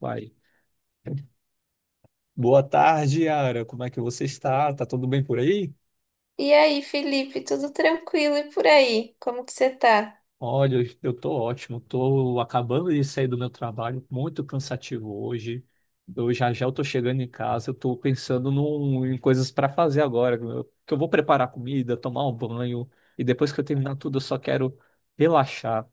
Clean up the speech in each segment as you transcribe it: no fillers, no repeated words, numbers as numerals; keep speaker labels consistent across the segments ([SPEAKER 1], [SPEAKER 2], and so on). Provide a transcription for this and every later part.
[SPEAKER 1] Vai. Boa tarde, Yara. Como é que você está? Tá tudo bem por aí?
[SPEAKER 2] E aí, Felipe, tudo tranquilo e por aí? Como que você tá?
[SPEAKER 1] Olha, eu tô ótimo. Tô acabando de sair do meu trabalho, muito cansativo hoje. Eu já já eu tô chegando em casa, eu tô pensando em coisas para fazer agora, que eu vou preparar comida, tomar um banho e depois que eu terminar tudo, eu só quero relaxar.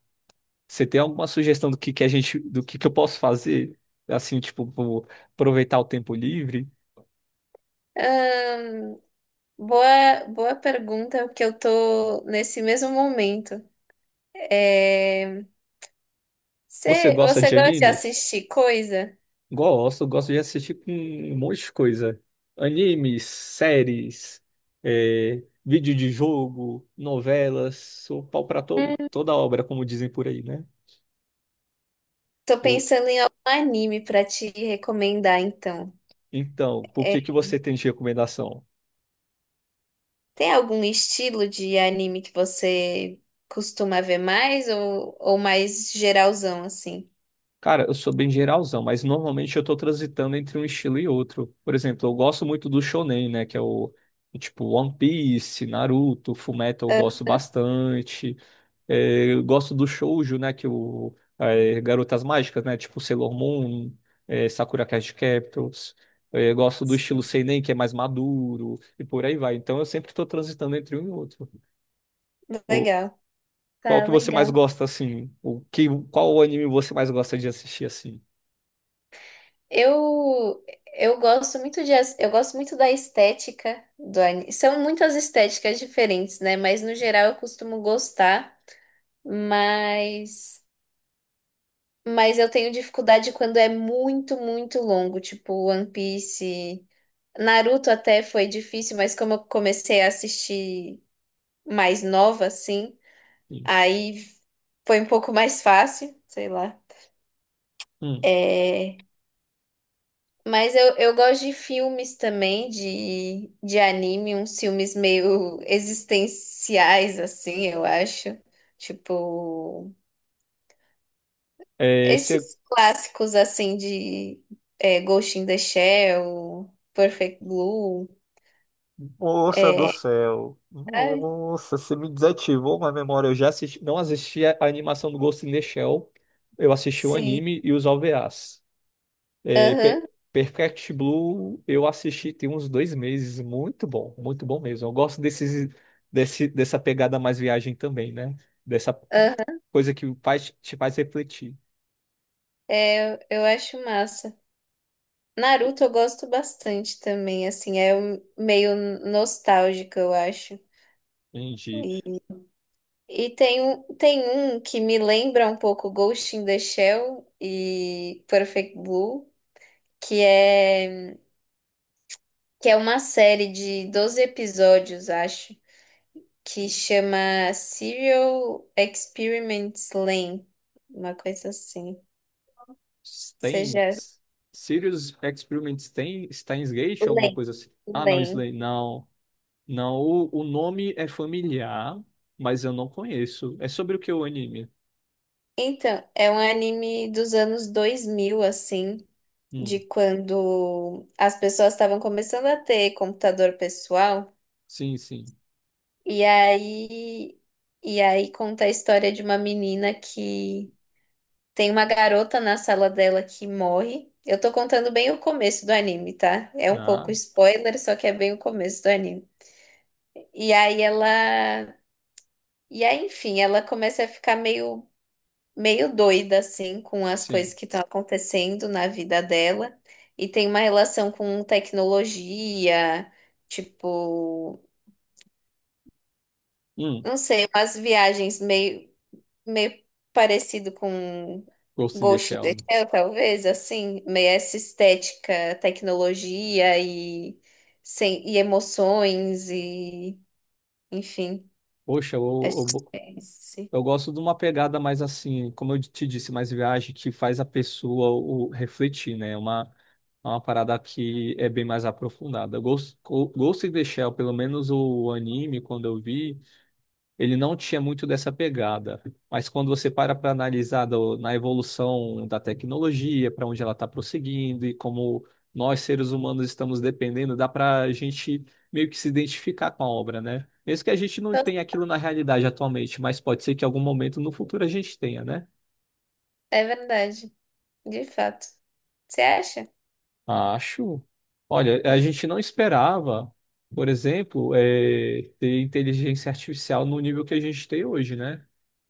[SPEAKER 1] Você tem alguma sugestão do que do que eu posso fazer? Assim, tipo, vou aproveitar o tempo livre?
[SPEAKER 2] Ahn, boa pergunta, porque eu tô nesse mesmo momento. É,
[SPEAKER 1] Você
[SPEAKER 2] Você,
[SPEAKER 1] gosta
[SPEAKER 2] você
[SPEAKER 1] de
[SPEAKER 2] gosta de
[SPEAKER 1] animes?
[SPEAKER 2] assistir coisa?
[SPEAKER 1] Gosto, gosto de assistir com um monte de coisa. Animes, séries, vídeo de jogo, novelas, sou pau pra toda obra, como dizem por aí, né?
[SPEAKER 2] Tô
[SPEAKER 1] O-
[SPEAKER 2] pensando em algum anime pra te recomendar, então.
[SPEAKER 1] então, por
[SPEAKER 2] É,
[SPEAKER 1] que que você tem de recomendação?
[SPEAKER 2] Tem algum estilo de anime que você costuma ver mais ou mais geralzão, assim?
[SPEAKER 1] Cara, eu sou bem geralzão, mas normalmente eu tô transitando entre um estilo e outro. Por exemplo, eu gosto muito do shonen, né? Que é o tipo One Piece, Naruto, Fullmetal, eu
[SPEAKER 2] Ah,
[SPEAKER 1] gosto bastante. É, eu gosto do shoujo, né? Que o é, Garotas Mágicas, né? Tipo Sailor Moon, é, Sakura Card Captors. É, eu gosto do estilo
[SPEAKER 2] sim.
[SPEAKER 1] seinen, que é mais maduro e por aí vai. Então eu sempre estou transitando entre um e outro. Ou,
[SPEAKER 2] Legal.
[SPEAKER 1] qual
[SPEAKER 2] Tá,
[SPEAKER 1] que você mais
[SPEAKER 2] legal.
[SPEAKER 1] gosta assim? Qual anime você mais gosta de assistir assim?
[SPEAKER 2] Eu, eu gosto muito de, eu gosto muito da estética do anime. São muitas estéticas diferentes, né? Mas no geral eu costumo gostar, mas mas eu tenho dificuldade quando é muito, muito longo, tipo One Piece. Naruto até foi difícil, mas como eu comecei a assistir mais nova, assim,
[SPEAKER 1] Sim.
[SPEAKER 2] aí foi um pouco mais fácil, sei lá.
[SPEAKER 1] Hum.
[SPEAKER 2] É... Mas eu gosto de filmes também, de anime, uns filmes meio existenciais, assim, eu acho. Tipo,
[SPEAKER 1] É, esse...
[SPEAKER 2] esses clássicos, assim, de Ghost in the Shell, Perfect Blue.
[SPEAKER 1] Moça do
[SPEAKER 2] É,
[SPEAKER 1] céu.
[SPEAKER 2] ai,
[SPEAKER 1] Nossa, você me desativou uma memória. Eu já assisti, não assisti a animação do Ghost in the Shell. Eu assisti o
[SPEAKER 2] sim,
[SPEAKER 1] anime e os OVAs. É,
[SPEAKER 2] aham,
[SPEAKER 1] Pe- Perfect Blue eu assisti tem uns dois meses, muito bom mesmo. Eu gosto dessa pegada mais viagem também, né? Dessa
[SPEAKER 2] aham.
[SPEAKER 1] coisa que te faz refletir.
[SPEAKER 2] Eu acho massa. Naruto eu gosto bastante também, assim, meio nostálgico, eu acho.
[SPEAKER 1] Entende?
[SPEAKER 2] E tem um que me lembra um pouco Ghost in the Shell e Perfect Blue, que é, que é uma série de 12 episódios, acho, que chama Serial Experiments Lane, uma coisa assim.
[SPEAKER 1] Tem
[SPEAKER 2] Seja
[SPEAKER 1] Serious Experiments, tem Steins Gate, alguma
[SPEAKER 2] Lane,
[SPEAKER 1] coisa assim. Ah, não,
[SPEAKER 2] Lane.
[SPEAKER 1] Slay, não. Não, o nome é familiar, mas eu não conheço. É sobre o que o anime?
[SPEAKER 2] Então, é um anime dos anos 2000 assim, de
[SPEAKER 1] Hum,
[SPEAKER 2] quando as pessoas estavam começando a ter computador pessoal.
[SPEAKER 1] sim, sim.
[SPEAKER 2] E aí, e aí conta a história de uma menina que tem uma garota na sala dela que morre. Eu tô contando bem o começo do anime, tá? É um pouco
[SPEAKER 1] Ah,
[SPEAKER 2] spoiler, só que é bem o começo do anime. E aí ela, e aí, enfim, ela começa a ficar meio doida assim com as coisas
[SPEAKER 1] sim.
[SPEAKER 2] que estão acontecendo na vida dela e tem uma relação com tecnologia, tipo,
[SPEAKER 1] Hum,
[SPEAKER 2] não sei, umas viagens meio parecido com
[SPEAKER 1] Ghost in the
[SPEAKER 2] Ghost in
[SPEAKER 1] Shell,
[SPEAKER 2] the
[SPEAKER 1] né?
[SPEAKER 2] Shell, talvez, assim, meio essa estética, tecnologia e, sem, e emoções e, enfim,
[SPEAKER 1] Poxa, eu,
[SPEAKER 2] acho que
[SPEAKER 1] eu,
[SPEAKER 2] é esse.
[SPEAKER 1] eu gosto de uma pegada mais assim, como eu te disse, mais viagem que faz a pessoa refletir, né? É uma parada que é bem mais aprofundada. Ghost in the Shell, pelo menos o anime, quando eu vi ele não tinha muito dessa pegada. Mas quando você para analisar na evolução da tecnologia, para onde ela está prosseguindo e como nós, seres humanos, estamos dependendo, dá para a gente meio que se identificar com a obra, né? Mesmo que a gente não
[SPEAKER 2] Então,
[SPEAKER 1] tenha aquilo na realidade atualmente, mas pode ser que em algum momento no futuro a gente tenha, né?
[SPEAKER 2] é verdade, de fato. Você acha?
[SPEAKER 1] Acho. Olha, a gente não esperava, por exemplo, ter inteligência artificial no nível que a gente tem hoje, né?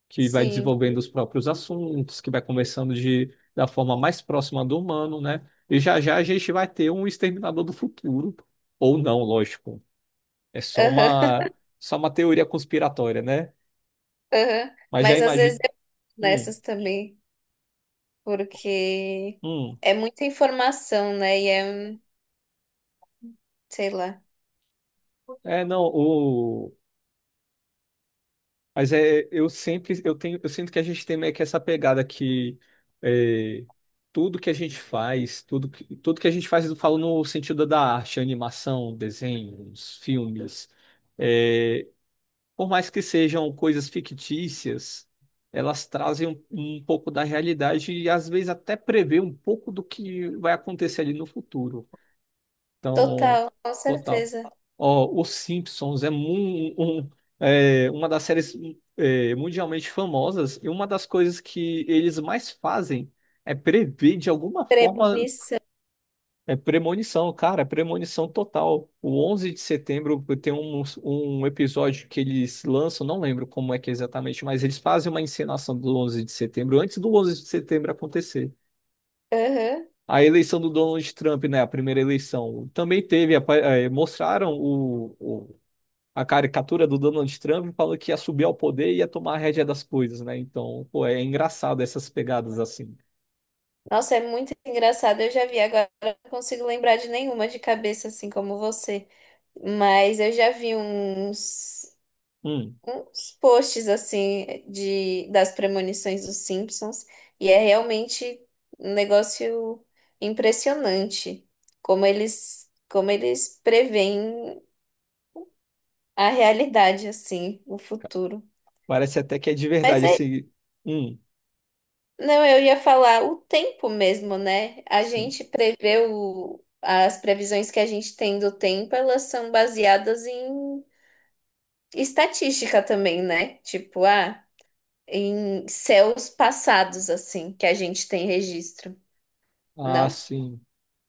[SPEAKER 1] Que vai
[SPEAKER 2] Sim.
[SPEAKER 1] desenvolvendo os próprios assuntos, que vai conversando da forma mais próxima do humano, né? E já já a gente vai ter um exterminador do futuro, ou não, lógico. É só
[SPEAKER 2] Aham,
[SPEAKER 1] uma só uma teoria conspiratória, né?
[SPEAKER 2] aham.
[SPEAKER 1] Mas já
[SPEAKER 2] Mas às vezes
[SPEAKER 1] imagino.
[SPEAKER 2] eu
[SPEAKER 1] Hum,
[SPEAKER 2] nessas também, porque
[SPEAKER 1] hum.
[SPEAKER 2] é muita informação, né? Sei lá,
[SPEAKER 1] É, não, o Mas é, eu sempre, eu tenho, eu sinto que a gente tem meio que essa pegada que é, tudo que a gente faz, tudo que a gente faz, eu falo no sentido da arte, animação, desenhos, filmes, é, por mais que sejam coisas fictícias, elas trazem um pouco da realidade e às vezes até prevê um pouco do que vai acontecer ali no futuro. Então,
[SPEAKER 2] total, com
[SPEAKER 1] total.
[SPEAKER 2] certeza.
[SPEAKER 1] Ó, Os Simpsons é, mu- um- é uma das séries é, mundialmente famosas e uma das coisas que eles mais fazem é prever de alguma forma,
[SPEAKER 2] Premonição.
[SPEAKER 1] é premonição, cara, é premonição total. O 11 de setembro tem um episódio que eles lançam, não lembro como é que é exatamente, mas eles fazem uma encenação do 11 de setembro antes do 11 de setembro acontecer.
[SPEAKER 2] Aham.
[SPEAKER 1] A eleição do Donald Trump, né? A primeira eleição. Também teve, mostraram a caricatura do Donald Trump falando que ia subir ao poder e ia tomar a rédea das coisas, né? Então, pô, é engraçado essas pegadas assim.
[SPEAKER 2] Nossa, é muito engraçado. Eu já vi, agora eu não consigo lembrar de nenhuma de cabeça, assim como você. Mas eu já vi uns,
[SPEAKER 1] Hum,
[SPEAKER 2] uns posts, assim, de, das premonições dos Simpsons. E é realmente um negócio impressionante. Como como eles preveem a realidade, assim, o
[SPEAKER 1] ca-
[SPEAKER 2] futuro.
[SPEAKER 1] parece até que é de
[SPEAKER 2] Mas
[SPEAKER 1] verdade
[SPEAKER 2] é
[SPEAKER 1] esse. Hum,
[SPEAKER 2] Não, eu ia falar o tempo mesmo, né? A
[SPEAKER 1] sim.
[SPEAKER 2] gente prevê as previsões que a gente tem do tempo, elas são baseadas em estatística também, né? Tipo, ah, em céus passados, assim, que a gente tem registro,
[SPEAKER 1] Ah,
[SPEAKER 2] não?
[SPEAKER 1] sim.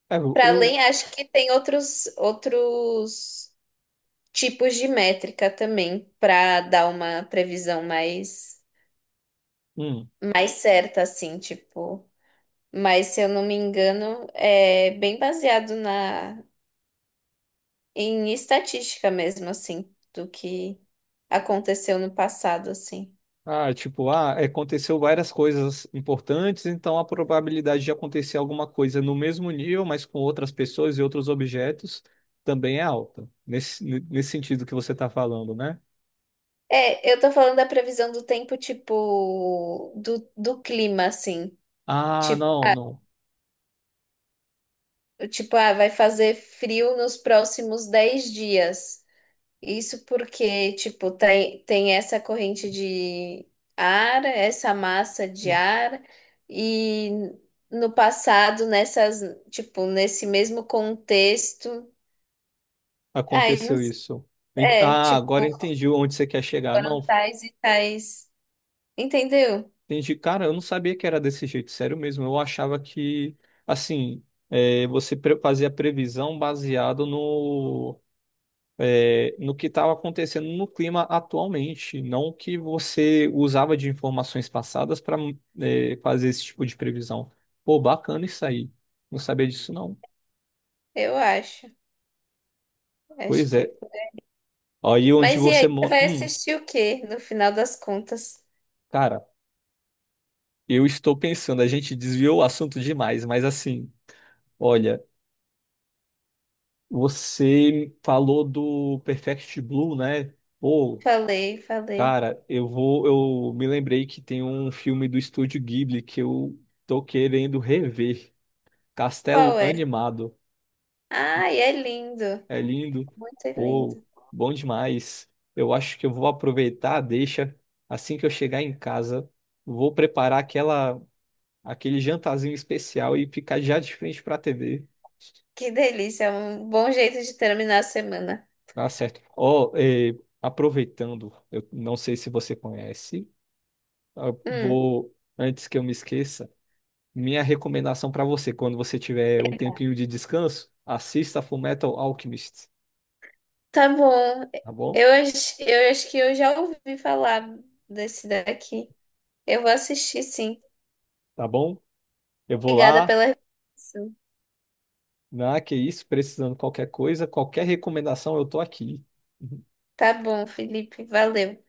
[SPEAKER 1] É, eu.
[SPEAKER 2] Para além,
[SPEAKER 1] eu-
[SPEAKER 2] acho que tem outros outros tipos de métrica também para dar uma previsão
[SPEAKER 1] hum.
[SPEAKER 2] mais certa, assim, tipo. Mas, se eu não me engano, é bem baseado na em estatística mesmo, assim, do que aconteceu no passado, assim.
[SPEAKER 1] Ah, tipo, ah, aconteceu várias coisas importantes, então a probabilidade de acontecer alguma coisa no mesmo nível, mas com outras pessoas e outros objetos, também é alta. Nesse sentido que você está falando, né?
[SPEAKER 2] É, eu tô falando da previsão do tempo, tipo, do clima, assim.
[SPEAKER 1] Ah,
[SPEAKER 2] Tipo,
[SPEAKER 1] não, não.
[SPEAKER 2] tipo, ah, vai fazer frio nos próximos 10 dias. Isso porque, tipo, tem essa corrente de ar, essa massa de
[SPEAKER 1] Não.
[SPEAKER 2] ar, e no passado, tipo, nesse mesmo contexto, ai, não
[SPEAKER 1] Aconteceu
[SPEAKER 2] s-
[SPEAKER 1] isso.
[SPEAKER 2] é,
[SPEAKER 1] Ah,
[SPEAKER 2] tipo,
[SPEAKER 1] agora entendi onde você quer chegar.
[SPEAKER 2] foram
[SPEAKER 1] Não,
[SPEAKER 2] tais e tais, entendeu?
[SPEAKER 1] entendi. Cara, eu não sabia que era desse jeito, sério mesmo. Eu achava que, assim, é, você fazia previsão baseado no que estava acontecendo no clima atualmente, não o que você usava de informações passadas para fazer esse tipo de previsão. Pô, bacana isso aí. Não sabia disso, não.
[SPEAKER 2] Eu acho, acho
[SPEAKER 1] Pois
[SPEAKER 2] que é.
[SPEAKER 1] é.
[SPEAKER 2] Por
[SPEAKER 1] Aí onde
[SPEAKER 2] Mas e
[SPEAKER 1] você.
[SPEAKER 2] aí, você
[SPEAKER 1] Mo-
[SPEAKER 2] vai assistir o quê, no final das contas?
[SPEAKER 1] Cara, eu estou pensando, a gente desviou o assunto demais, mas assim, olha, você falou do Perfect Blue, né? Pô.
[SPEAKER 2] Falei, falei.
[SPEAKER 1] Cara, eu vou, eu me lembrei que tem um filme do Estúdio Ghibli que eu tô querendo rever. Castelo
[SPEAKER 2] Qual é?
[SPEAKER 1] animado.
[SPEAKER 2] Ai, é lindo,
[SPEAKER 1] É lindo.
[SPEAKER 2] muito lindo.
[SPEAKER 1] Pô, bom demais. Eu acho que eu vou aproveitar a deixa. Assim que eu chegar em casa, vou preparar aquele jantarzinho especial e ficar já de frente para a TV.
[SPEAKER 2] Que delícia, é um bom jeito de terminar a semana.
[SPEAKER 1] Tá certo. Ó, aproveitando, eu não sei se você conhece,
[SPEAKER 2] Hum,
[SPEAKER 1] antes que eu me esqueça, minha recomendação para você, quando você tiver um tempinho de descanso, assista Fullmetal Alchemist,
[SPEAKER 2] tá bom.
[SPEAKER 1] tá bom?
[SPEAKER 2] Eu acho que eu já ouvi falar desse daqui. Eu vou assistir, sim.
[SPEAKER 1] Tá bom? Eu vou
[SPEAKER 2] Obrigada
[SPEAKER 1] lá.
[SPEAKER 2] pela recomendação.
[SPEAKER 1] Ah, que isso, precisando de qualquer coisa, qualquer recomendação, eu tô aqui.
[SPEAKER 2] Tá bom, Felipe, valeu.